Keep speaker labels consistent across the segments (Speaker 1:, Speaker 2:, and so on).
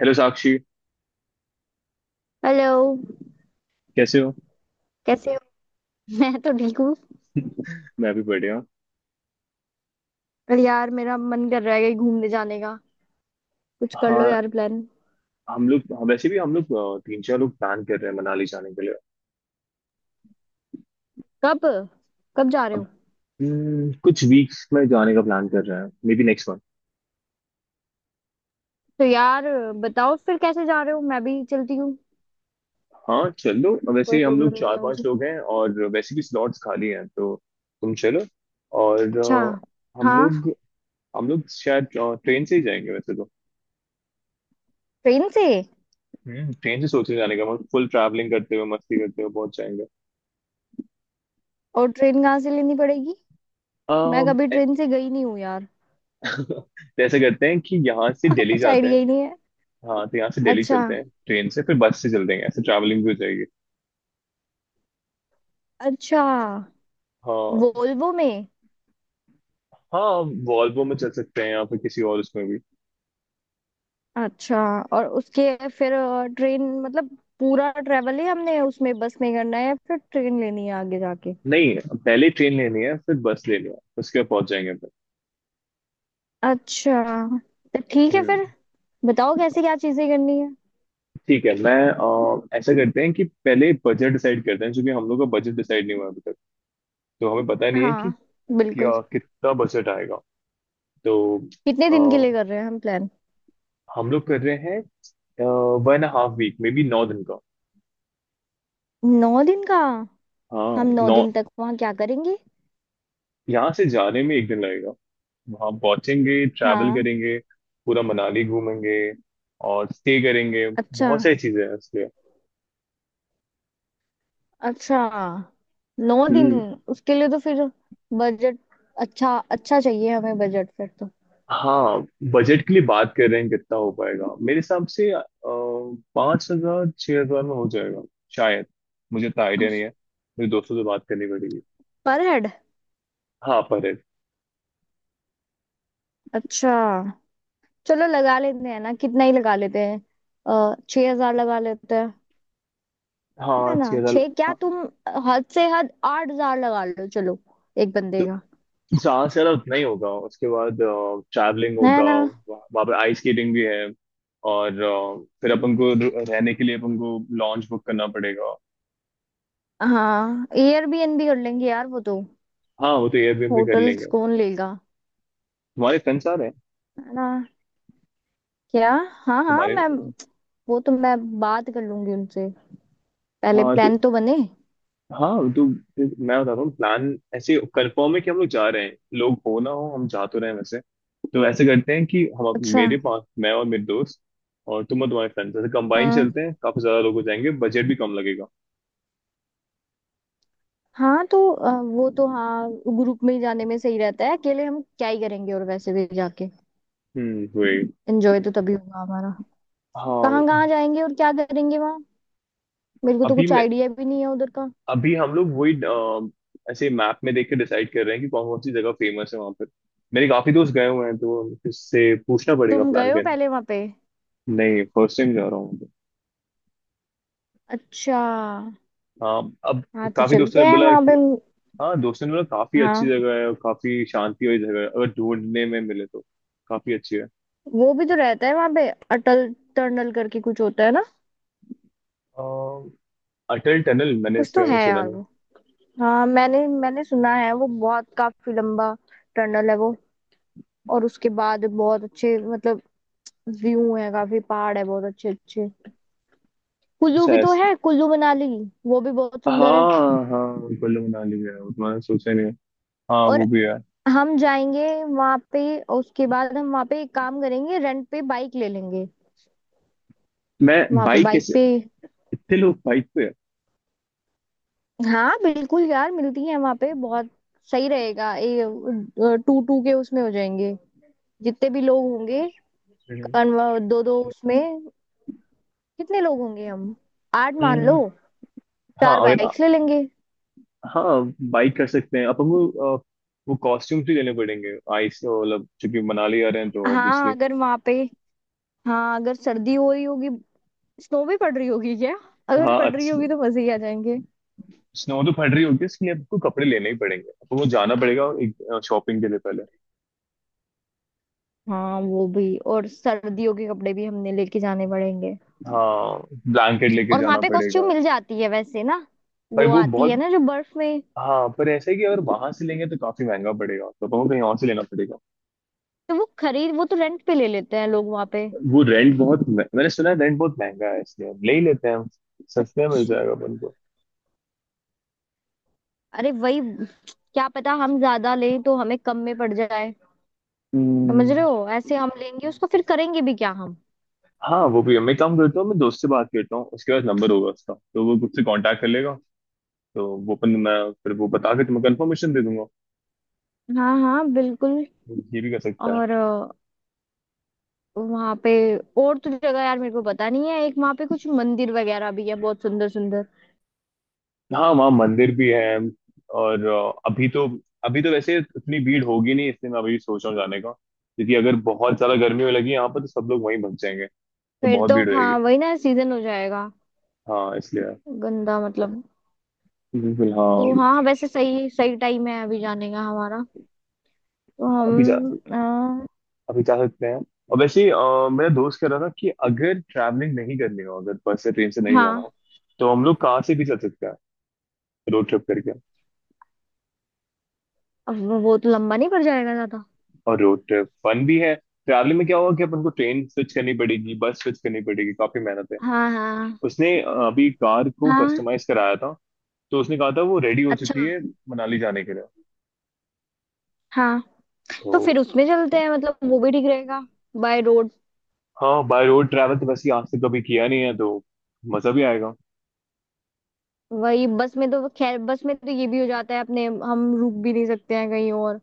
Speaker 1: Hello Sakshi,
Speaker 2: hello.
Speaker 1: कैसे हो?
Speaker 2: कैसे हो? मैं तो ठीक हूँ।
Speaker 1: मैं भी बढ़िया हूँ।
Speaker 2: पर यार मेरा मन कर रहा है कहीं घूमने जाने का, कुछ कर लो
Speaker 1: हाँ,
Speaker 2: यार प्लान।
Speaker 1: हम लोग हाँ, वैसे भी हम लोग तीन चार लोग प्लान कर रहे हैं मनाली जाने के लिए।
Speaker 2: कब? कब जा रहे
Speaker 1: अब
Speaker 2: हो?
Speaker 1: कुछ वीक्स में जाने का प्लान कर रहे हैं, मे बी नेक्स्ट मंथ।
Speaker 2: तो यार बताओ फिर कैसे जा रहे हो, मैं भी चलती हूँ।
Speaker 1: हाँ चलो,
Speaker 2: कोई
Speaker 1: वैसे हम लोग
Speaker 2: प्रॉब्लम नहीं
Speaker 1: चार
Speaker 2: है
Speaker 1: पांच
Speaker 2: मुझे।
Speaker 1: लोग हैं और वैसे भी स्लॉट्स खाली हैं, तो तुम चलो। और
Speaker 2: अच्छा।
Speaker 1: हम
Speaker 2: हाँ।
Speaker 1: लोग हम लोग शायद ट्रेन से ही जाएंगे वैसे तो।
Speaker 2: ट्रेन से?
Speaker 1: ट्रेन से सोच रहे हैं जाने का, मतलब फुल ट्रैवलिंग करते हुए, मस्ती करते हुए पहुंच
Speaker 2: और ट्रेन कहाँ से लेनी पड़ेगी? मैं कभी
Speaker 1: जाएंगे।
Speaker 2: ट्रेन से गई नहीं हूँ यार।
Speaker 1: तो ऐसा करते हैं कि यहाँ से दिल्ली
Speaker 2: कुछ
Speaker 1: जाते हैं।
Speaker 2: आइडिया ही नहीं है।
Speaker 1: हाँ तो यहाँ से दिल्ली
Speaker 2: अच्छा।
Speaker 1: चलते हैं ट्रेन से, फिर बस से चलते हैं, ऐसे ट्रैवलिंग भी हो जाएगी।
Speaker 2: अच्छा।
Speaker 1: हाँ,
Speaker 2: वोल्वो में?
Speaker 1: हाँ, वॉल्वो में चल सकते हैं या फिर किसी और उसमें भी।
Speaker 2: अच्छा। और उसके फिर ट्रेन मतलब पूरा ट्रेवल ही हमने उसमें बस में करना है या फिर ट्रेन लेनी है आगे जाके?
Speaker 1: नहीं, पहले ट्रेन लेनी है फिर बस लेनी है, उसके बाद पहुंच जाएंगे फिर।
Speaker 2: अच्छा। तो ठीक है
Speaker 1: हम्म,
Speaker 2: फिर। बताओ कैसे क्या चीजें करनी है।
Speaker 1: ठीक है। मैं ऐसा करते हैं कि पहले बजट डिसाइड करते हैं, क्योंकि हम लोग का बजट डिसाइड नहीं हुआ है अभी तक। तो हमें पता नहीं है कि
Speaker 2: हाँ बिल्कुल।
Speaker 1: क्या कितना बजट आएगा। तो
Speaker 2: कितने
Speaker 1: अ,
Speaker 2: दिन के लिए कर रहे हैं हम प्लान?
Speaker 1: हम लोग कर रहे हैं वन हाफ वीक में भी 9 दिन का।
Speaker 2: 9 दिन का?
Speaker 1: हाँ,
Speaker 2: हम नौ
Speaker 1: नौ।
Speaker 2: दिन तक वहाँ क्या करेंगे?
Speaker 1: यहाँ से जाने में एक दिन लगेगा, वहाँ पहुंचेंगे, ट्रैवल
Speaker 2: हाँ।
Speaker 1: करेंगे, पूरा मनाली घूमेंगे और स्टे करेंगे,
Speaker 2: अच्छा।
Speaker 1: बहुत सारी चीजें हैं इसलिए।
Speaker 2: अच्छा। 9 दिन।
Speaker 1: हम्म।
Speaker 2: उसके लिए तो फिर बजट अच्छा अच्छा चाहिए हमें, बजट फिर तो।
Speaker 1: हाँ, बजट के लिए बात कर रहे हैं कितना हो पाएगा, मेरे हिसाब से 5,000 6,000 में हो जाएगा शायद, मुझे इतना आइडिया नहीं है, मेरे दोस्तों से बात करनी पड़ेगी।
Speaker 2: पर हेड।
Speaker 1: हाँ, पर head।
Speaker 2: अच्छा। चलो लगा लेते हैं ना, कितना ही लगा लेते हैं। अः 6,000 लगा लेते हैं। है
Speaker 1: हाँ,
Speaker 2: ना?
Speaker 1: 6,000।
Speaker 2: छह? क्या
Speaker 1: हाँ,
Speaker 2: तुम। हद से हद 8,000 लगा लो चलो, एक बंदे
Speaker 1: तो
Speaker 2: का।
Speaker 1: जहाँ से ज्यादा उतना ही होगा, उसके बाद ट्रैवलिंग
Speaker 2: है
Speaker 1: होगा।
Speaker 2: ना?
Speaker 1: वहाँ पे आइस स्केटिंग भी है। और फिर अपन को रहने के लिए अपन को लॉन्च बुक करना पड़ेगा।
Speaker 2: हाँ एयरबीएनबी कर लेंगे यार वो तो।
Speaker 1: हाँ, वो तो एयरबीएनबी कर
Speaker 2: होटल्स
Speaker 1: लेंगे।
Speaker 2: कौन लेगा?
Speaker 1: तुम्हारे फ्रेंड्स आ रहे हैं?
Speaker 2: है ना? क्या? हाँ हाँ
Speaker 1: तुम्हारे।
Speaker 2: मैं, वो तो मैं बात कर लूंगी उनसे। पहले
Speaker 1: हाँ तो
Speaker 2: प्लान तो बने।
Speaker 1: हाँ तो फिर मैं बता रहा हूँ प्लान, ऐसे कंफर्म है कि हम लोग जा रहे हैं, लोग हो ना हो हम जा तो रहे हैं वैसे। तो ऐसे करते हैं कि हम,
Speaker 2: अच्छा।
Speaker 1: मेरे पास मैं और मेरे दोस्त, और तुम और तुम्हारे फ्रेंड्स, ऐसे कंबाइन
Speaker 2: हम्म।
Speaker 1: चलते हैं, काफी ज्यादा लोग हो जाएंगे, बजट भी कम लगेगा।
Speaker 2: हाँ तो वो तो हाँ। ग्रुप में ही जाने में सही रहता है, अकेले हम क्या ही करेंगे, और वैसे भी जाके
Speaker 1: हम्म, वही।
Speaker 2: एंजॉय तो तभी होगा हमारा।
Speaker 1: हाँ,
Speaker 2: कहाँ कहाँ जाएंगे और क्या करेंगे वहाँ? मेरे को तो
Speaker 1: अभी
Speaker 2: कुछ
Speaker 1: मैं
Speaker 2: आइडिया भी नहीं है उधर का।
Speaker 1: अभी हम लोग वही, ऐसे मैप में देख के डिसाइड कर रहे हैं कि कौन कौन सी जगह फेमस है वहां पर। मेरे काफी दोस्त गए हुए हैं, तो इससे पूछना पड़ेगा
Speaker 2: तुम
Speaker 1: प्लान
Speaker 2: गए हो
Speaker 1: करने।
Speaker 2: पहले वहां पे?
Speaker 1: नहीं, फर्स्ट टाइम जा रहा हूँ तो।
Speaker 2: अच्छा।
Speaker 1: हाँ अब।
Speaker 2: हाँ तो
Speaker 1: काफी दोस्तों
Speaker 2: चलते
Speaker 1: ने
Speaker 2: हैं
Speaker 1: बोला
Speaker 2: वहां पे।
Speaker 1: कि हाँ, दोस्तों ने बोला काफी अच्छी
Speaker 2: हाँ
Speaker 1: जगह है और काफी शांति वाली जगह है, अगर ढूंढने में मिले तो काफी अच्छी है।
Speaker 2: वो भी तो रहता है वहां पे, अटल टनल करके कुछ होता है ना?
Speaker 1: अ, अटल टनल, मैंने
Speaker 2: कुछ
Speaker 1: इसके
Speaker 2: तो
Speaker 1: बारे
Speaker 2: है
Speaker 1: में सुना
Speaker 2: यार
Speaker 1: नहीं।
Speaker 2: वो, हाँ मैंने मैंने सुना है, वो बहुत काफी लंबा टनल है वो। और उसके बाद बहुत अच्छे मतलब व्यू है, काफी पहाड़ है बहुत अच्छे अच्छे। कुल्लू
Speaker 1: अच्छा,
Speaker 2: भी तो
Speaker 1: ऐसा।
Speaker 2: है, कुल्लू मनाली, वो भी बहुत सुंदर है।
Speaker 1: हाँ, हाँ, कुल्लू मनाली भी है, उतना मैंने सोचा ही नहीं है। हाँ,
Speaker 2: और
Speaker 1: वो भी है।
Speaker 2: हम जाएंगे वहां पे। उसके बाद हम वहां पे एक काम करेंगे, रेंट पे बाइक ले लेंगे।
Speaker 1: मैं
Speaker 2: वहां पे
Speaker 1: बाइक
Speaker 2: बाइक
Speaker 1: कैसे?
Speaker 2: पे।
Speaker 1: इतने लोग बाइक पे?
Speaker 2: हाँ बिल्कुल यार, मिलती है वहां पे बहुत। सही रहेगा ये। टू टू के उसमें हो जाएंगे, जितने भी लोग होंगे।
Speaker 1: है।
Speaker 2: कन्व दो दो उसमें। कितने लोग होंगे हम, आठ मान लो।
Speaker 1: हम्म, हाँ
Speaker 2: चार
Speaker 1: अगर।
Speaker 2: बाइक्स ले लेंगे।
Speaker 1: हाँ, बाइक कर सकते हैं अब हम लोग, अ, वो कॉस्ट्यूम्स भी लेने पड़ेंगे आइस, मतलब चूंकि मनाली आ रहे हैं तो
Speaker 2: हाँ
Speaker 1: ऑब्वियसली।
Speaker 2: अगर वहां पे, हाँ अगर सर्दी हो रही होगी, स्नो भी पड़ रही होगी क्या? अगर
Speaker 1: हाँ,
Speaker 2: पड़ रही
Speaker 1: अच्छी।
Speaker 2: होगी तो मजे ही आ जाएंगे।
Speaker 1: स्नो तो पड़ रही होगी, इसके लिए आपको कपड़े लेने ही पड़ेंगे, आपको वो जाना पड़ेगा एक शॉपिंग के लिए पहले।
Speaker 2: हाँ वो भी, और सर्दियों के कपड़े भी हमने लेके जाने पड़ेंगे।
Speaker 1: हाँ, ब्लैंकेट लेके
Speaker 2: और वहां
Speaker 1: जाना
Speaker 2: पे कॉस्ट्यूम
Speaker 1: पड़ेगा।
Speaker 2: मिल जाती है वैसे ना?
Speaker 1: पर
Speaker 2: वो
Speaker 1: वो
Speaker 2: आती है
Speaker 1: बहुत।
Speaker 2: ना जो बर्फ में।
Speaker 1: हाँ, पर ऐसा है कि अगर वहां से लेंगे तो काफी महंगा पड़ेगा, तो हमको कहीं और से लेना पड़ेगा।
Speaker 2: तो वो खरीद, वो तो रेंट पे ले लेते हैं लोग वहां पे।
Speaker 1: वो रेंट बहुत, मैंने सुना है रेंट बहुत महंगा है, इसलिए हम ले ही लेते हैं, हम सस्ते में मिल
Speaker 2: अच्छा।
Speaker 1: जाएगा अपन
Speaker 2: अरे वही, क्या पता हम ज्यादा लें तो हमें कम में पड़ जाए,
Speaker 1: को।
Speaker 2: समझ रहे हो, ऐसे हम लेंगे उसको फिर करेंगे भी क्या हम।
Speaker 1: हाँ, वो भी है। मैं काम करता हूँ, मैं दोस्त से बात करता हूँ, उसके पास नंबर होगा उसका, तो वो खुद से कांटेक्ट कर लेगा। तो वो अपन, मैं फिर वो बता के तुम्हें कंफर्मेशन दे दूंगा।
Speaker 2: हाँ हाँ बिल्कुल।
Speaker 1: ये भी कर सकता है।
Speaker 2: और वहां पे और तो जगह यार मेरे को पता नहीं है, एक वहां पे कुछ मंदिर वगैरह भी है बहुत सुंदर सुंदर।
Speaker 1: हाँ, वहाँ मंदिर भी है। और अभी तो वैसे इतनी भीड़ होगी नहीं, इसलिए मैं अभी सोच रहा हूँ जाने का, क्योंकि अगर बहुत ज्यादा गर्मी होने लगी यहाँ पर तो सब लोग वहीं भग जाएंगे, तो
Speaker 2: फिर
Speaker 1: बहुत
Speaker 2: तो
Speaker 1: भीड़ रहेगी।
Speaker 2: हाँ वही ना, सीजन हो जाएगा,
Speaker 1: हाँ, इसलिए।
Speaker 2: गंदा मतलब।
Speaker 1: बिल्कुल
Speaker 2: तो
Speaker 1: हाँ।
Speaker 2: हाँ वैसे सही सही टाइम है अभी जाने का हमारा। तो
Speaker 1: अभी जा
Speaker 2: हम
Speaker 1: अभी जा सकते हैं। और वैसे ही, मेरा दोस्त कह रहा था कि अगर ट्रैवलिंग नहीं करनी हो, अगर बस से ट्रेन से नहीं जाना
Speaker 2: हाँ।
Speaker 1: हो, तो हम लोग कार से भी चल सकते हैं, रोड ट्रिप करके।
Speaker 2: अब वो तो लंबा नहीं पड़ जाएगा ज्यादा?
Speaker 1: और रोड ट्रिप फन भी है। ट्रैवलिंग में क्या होगा कि अपन को ट्रेन स्विच करनी पड़ेगी, बस स्विच करनी पड़ेगी, काफी मेहनत है।
Speaker 2: हाँ हाँ
Speaker 1: उसने अभी कार को
Speaker 2: हाँ।
Speaker 1: कस्टमाइज कराया था, तो उसने कहा था वो रेडी हो चुकी
Speaker 2: अच्छा।
Speaker 1: है मनाली जाने के लिए।
Speaker 2: हाँ
Speaker 1: तो
Speaker 2: तो फिर उसमें चलते हैं, मतलब वो भी ठीक रहेगा। By road.
Speaker 1: हाँ, बाय रोड ट्रैवल तो वैसे ही आज तक कभी किया नहीं है, तो मजा भी आएगा।
Speaker 2: वही, बस में तो खैर बस में तो ये भी हो जाता है अपने, हम रुक भी नहीं सकते हैं कहीं और,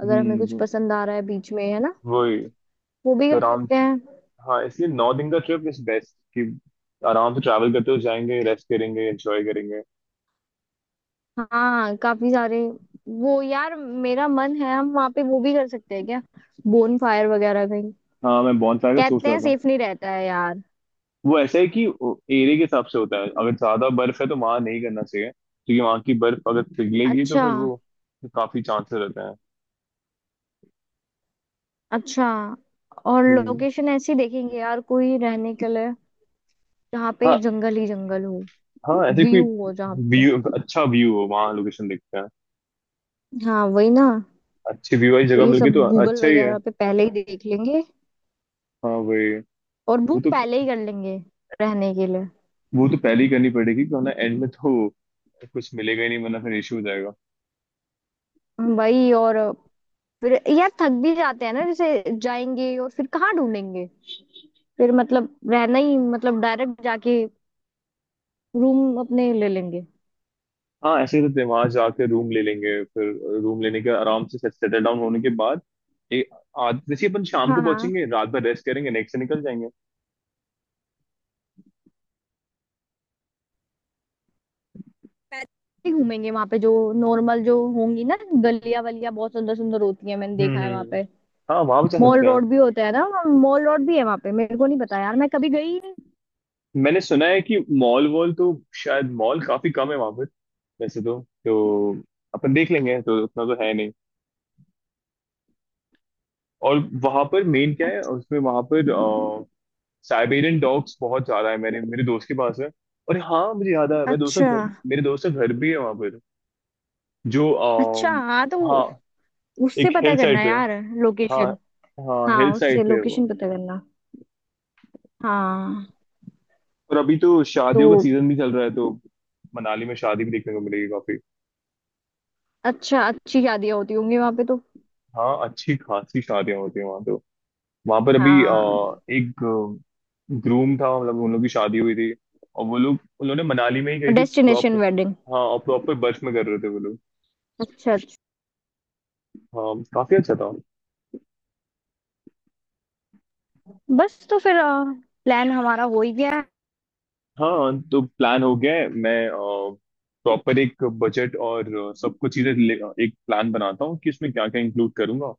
Speaker 2: अगर हमें कुछ
Speaker 1: हम्म,
Speaker 2: पसंद आ रहा है बीच में है ना,
Speaker 1: वही
Speaker 2: वो भी
Speaker 1: तो
Speaker 2: कर
Speaker 1: आराम।
Speaker 2: सकते हैं।
Speaker 1: हाँ, इसलिए 9 दिन का ट्रिप इज बेस्ट, कि आराम से ट्रैवल करते हुए जाएंगे, रेस्ट करेंगे, एंजॉय करेंगे।
Speaker 2: हाँ काफी सारे। वो यार मेरा मन है, हम वहाँ पे वो भी कर सकते हैं क्या, बोन फायर वगैरह कहीं?
Speaker 1: हाँ, मैं बॉनसाई का सोच
Speaker 2: कहते
Speaker 1: रहा
Speaker 2: हैं
Speaker 1: था।
Speaker 2: सेफ नहीं रहता है यार।
Speaker 1: वो ऐसा है कि एरिया के हिसाब से होता है, अगर ज्यादा बर्फ है तो वहां नहीं करना चाहिए, क्योंकि वहां की बर्फ अगर पिघलेगी तो
Speaker 2: अच्छा।
Speaker 1: फिर वो काफी चांसेस रहते हैं।
Speaker 2: अच्छा। और
Speaker 1: हम्म।
Speaker 2: लोकेशन ऐसी देखेंगे यार कोई रहने के लिए, जहाँ पे
Speaker 1: हाँ,
Speaker 2: जंगल ही जंगल हो,
Speaker 1: हाँ, ऐसे कोई
Speaker 2: व्यू हो जहाँ पे।
Speaker 1: व्यू अच्छा व्यू हो, वहाँ लोकेशन देखते हैं।
Speaker 2: हाँ वही ना।
Speaker 1: अच्छी व्यू वाली
Speaker 2: तो
Speaker 1: जगह
Speaker 2: ये
Speaker 1: मिल गई
Speaker 2: सब
Speaker 1: तो
Speaker 2: गूगल
Speaker 1: अच्छा ही है।
Speaker 2: वगैरह पे पहले ही देख लेंगे,
Speaker 1: हाँ, वही।
Speaker 2: और
Speaker 1: वो
Speaker 2: बुक
Speaker 1: तो
Speaker 2: पहले ही कर लेंगे रहने के लिए।
Speaker 1: वो तो पहले ही करनी पड़ेगी, क्योंकि एंड में तो कुछ मिलेगा ही नहीं, वरना फिर इशू हो जाएगा।
Speaker 2: वही, और फिर यार थक भी जाते हैं ना, जैसे जाएंगे और फिर कहाँ ढूंढेंगे, फिर मतलब रहना ही मतलब डायरेक्ट जाके रूम अपने ले लेंगे।
Speaker 1: हाँ, ऐसे ही करते हैं, वहां जाके रूम ले लेंगे फिर, रूम लेने के आराम से सेटल डाउन होने के बाद एक, आज जैसे ही अपन शाम को
Speaker 2: हाँ हाँ।
Speaker 1: पहुंचेंगे, रात भर रेस्ट करेंगे, नेक्स्ट से निकल जाएंगे।
Speaker 2: पैदल ही घूमेंगे वहां पे, जो नॉर्मल जो होंगी ना गलियां वलियां बहुत सुंदर सुंदर होती है, मैंने देखा
Speaker 1: हम्म।
Speaker 2: है वहां
Speaker 1: हम्म।
Speaker 2: पे। हम्म।
Speaker 1: हाँ, वहां बचा
Speaker 2: मॉल
Speaker 1: सकते हैं।
Speaker 2: रोड भी होता है ना, मॉल रोड भी है वहां पे, मेरे को नहीं पता यार मैं कभी गई ही नहीं।
Speaker 1: मैंने सुना है कि मॉल वॉल तो शायद मॉल काफी कम है वहां पर, वैसे तो अपन देख लेंगे, तो उतना तो है नहीं। और वहां पर मेन क्या है
Speaker 2: अच-
Speaker 1: उसमें, वहां पर साइबेरियन डॉग्स बहुत ज्यादा है, मेरे मेरे दोस्त के पास है। और हाँ, मुझे याद आया,
Speaker 2: अच्छा।
Speaker 1: मेरे दोस्त का घर भी है वहां, जो आ,
Speaker 2: अच्छा। हाँ तो
Speaker 1: हाँ,
Speaker 2: उससे
Speaker 1: एक
Speaker 2: पता
Speaker 1: हिल साइड
Speaker 2: करना
Speaker 1: पे है।
Speaker 2: यार
Speaker 1: हाँ,
Speaker 2: लोकेशन।
Speaker 1: हाँ,
Speaker 2: हाँ
Speaker 1: हिल
Speaker 2: उससे
Speaker 1: साइड पे है वो।
Speaker 2: लोकेशन पता करना। हाँ
Speaker 1: और अभी तो
Speaker 2: तो
Speaker 1: शादियों का सीजन भी चल रहा है, तो मनाली में शादी भी देखने को मिलेगी काफी।
Speaker 2: अच्छा, अच्छी शादियां होती होंगी वहां पे तो।
Speaker 1: हाँ, अच्छी खासी शादियां होती हैं वहां तो। वहां पर अभी
Speaker 2: हाँ।
Speaker 1: एक ग्रूम था, मतलब उन लोग की शादी हुई थी, और वो लोग, उन्होंने मनाली में ही गई थी प्रॉपर।
Speaker 2: Destination wedding.
Speaker 1: हाँ, और प्रॉपर बर्फ में कर रहे थे वो लोग।
Speaker 2: अच्छा। अच्छा।
Speaker 1: हाँ, काफी अच्छा था।
Speaker 2: बस तो फिर प्लान हमारा हो ही गया है।
Speaker 1: हाँ, तो प्लान हो गया है, मैं प्रॉपर एक बजट और सब कुछ चीजें एक प्लान बनाता हूँ कि इसमें क्या क्या इंक्लूड करूंगा,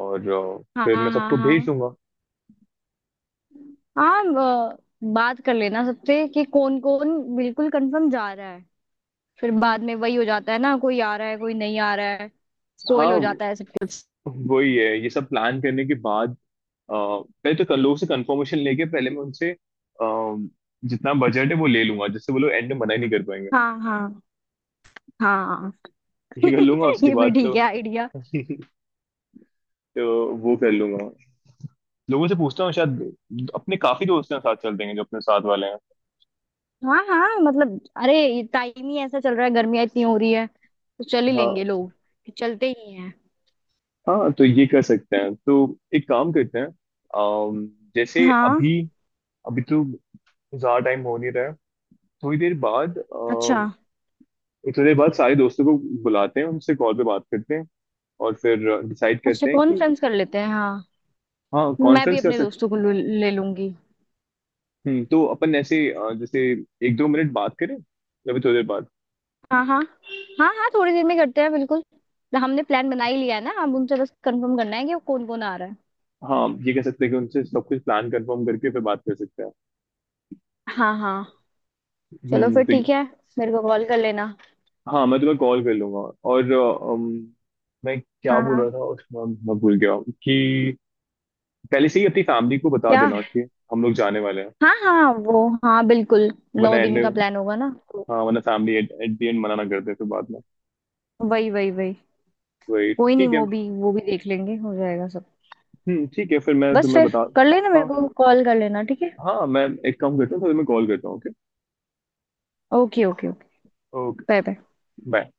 Speaker 1: और
Speaker 2: हाँ
Speaker 1: फिर मैं
Speaker 2: हाँ
Speaker 1: सबको भेज
Speaker 2: हाँ।
Speaker 1: दूंगा।
Speaker 2: हाँ अ, बात कर लेना सबसे कि कौन कौन बिल्कुल कंफर्म जा रहा है। फिर बाद में वही हो जाता है ना, कोई आ रहा है कोई नहीं आ रहा है, स्पॉइल हो
Speaker 1: हाँ
Speaker 2: जाता है सब कुछ।
Speaker 1: वही है, ये सब प्लान करने के बाद, पहले तो कल लोगों से कंफर्मेशन लेके, पहले मैं उनसे जितना बजट है वो ले लूंगा, जिससे वो लोग एंड में मना ही नहीं कर पाएंगे।
Speaker 2: हाँ हाँ हाँ।
Speaker 1: ये कर लूंगा उसके
Speaker 2: ये भी
Speaker 1: बाद तो।
Speaker 2: ठीक है आइडिया।
Speaker 1: तो वो कर लूंगा, लोगों से पूछता हूँ, शायद अपने काफी दोस्त हैं साथ चल देंगे जो अपने साथ वाले हैं।
Speaker 2: हाँ हाँ मतलब अरे टाइम ही ऐसा चल रहा है, गर्मियाँ इतनी हो रही है, तो चल ही लेंगे,
Speaker 1: हाँ,
Speaker 2: लोग चलते ही हैं।
Speaker 1: हाँ तो ये कर सकते हैं, तो एक काम करते हैं। अम, जैसे
Speaker 2: हाँ।
Speaker 1: अभी, अभी तो ज्यादा टाइम हो नहीं रहा है, थोड़ी देर बाद,
Speaker 2: अच्छा।
Speaker 1: थोड़ी देर बाद सारे दोस्तों को बुलाते हैं, उनसे कॉल पे बात करते हैं, और फिर डिसाइड
Speaker 2: अच्छा
Speaker 1: करते हैं कि।
Speaker 2: कॉन्फ्रेंस कर लेते हैं हाँ।
Speaker 1: हाँ,
Speaker 2: मैं भी
Speaker 1: कॉन्फ्रेंस कर
Speaker 2: अपने
Speaker 1: सकते
Speaker 2: दोस्तों को ले लूंगी।
Speaker 1: हैं। तो अपन ऐसे जैसे एक दो मिनट बात करें या फिर थोड़ी देर बाद।
Speaker 2: हाँ हाँ। हाँ हाँ थोड़ी देर में करते हैं बिल्कुल। हमने प्लान बना ही लिया है ना, अब उनसे बस कंफर्म करना है कि कौन कौन आ रहा है।
Speaker 1: हाँ, ये कह सकते हैं कि उनसे सब कुछ प्लान कंफर्म करके फिर बात कर सकते हैं।
Speaker 2: हाँ हाँ। चलो
Speaker 1: हम्म।
Speaker 2: फिर
Speaker 1: तो
Speaker 2: ठीक है, मेरे को कॉल कर लेना।
Speaker 1: हाँ, मैं तुम्हें कॉल कर लूंगा। और मैं क्या
Speaker 2: हाँ
Speaker 1: बोल
Speaker 2: हाँ।
Speaker 1: रहा था उसमें, मैं भूल गया, कि पहले से ही अपनी फैमिली को बता
Speaker 2: क्या?
Speaker 1: देना कि हम लोग जाने वाले हैं,
Speaker 2: हाँ हाँ वो हाँ बिल्कुल।
Speaker 1: वरना
Speaker 2: नौ
Speaker 1: एंड
Speaker 2: दिन
Speaker 1: में।
Speaker 2: का प्लान होगा ना तो।
Speaker 1: हाँ, वरना फैमिली एट दी एंड मना ना कर दे फिर बाद में,
Speaker 2: वही वही वही।
Speaker 1: वही
Speaker 2: कोई नहीं,
Speaker 1: ठीक है।
Speaker 2: वो भी वो भी देख लेंगे, हो जाएगा सब।
Speaker 1: हम्म, ठीक है फिर मैं
Speaker 2: बस
Speaker 1: तुम्हें
Speaker 2: फिर
Speaker 1: बता।
Speaker 2: कर लेना मेरे
Speaker 1: हाँ,
Speaker 2: को कॉल कर लेना ठीक है।
Speaker 1: हाँ, मैं एक काम करता हूँ फिर मैं कॉल करता हूँ। Okay.
Speaker 2: Okay okay okay.
Speaker 1: Okay,
Speaker 2: bye bye.
Speaker 1: Bye.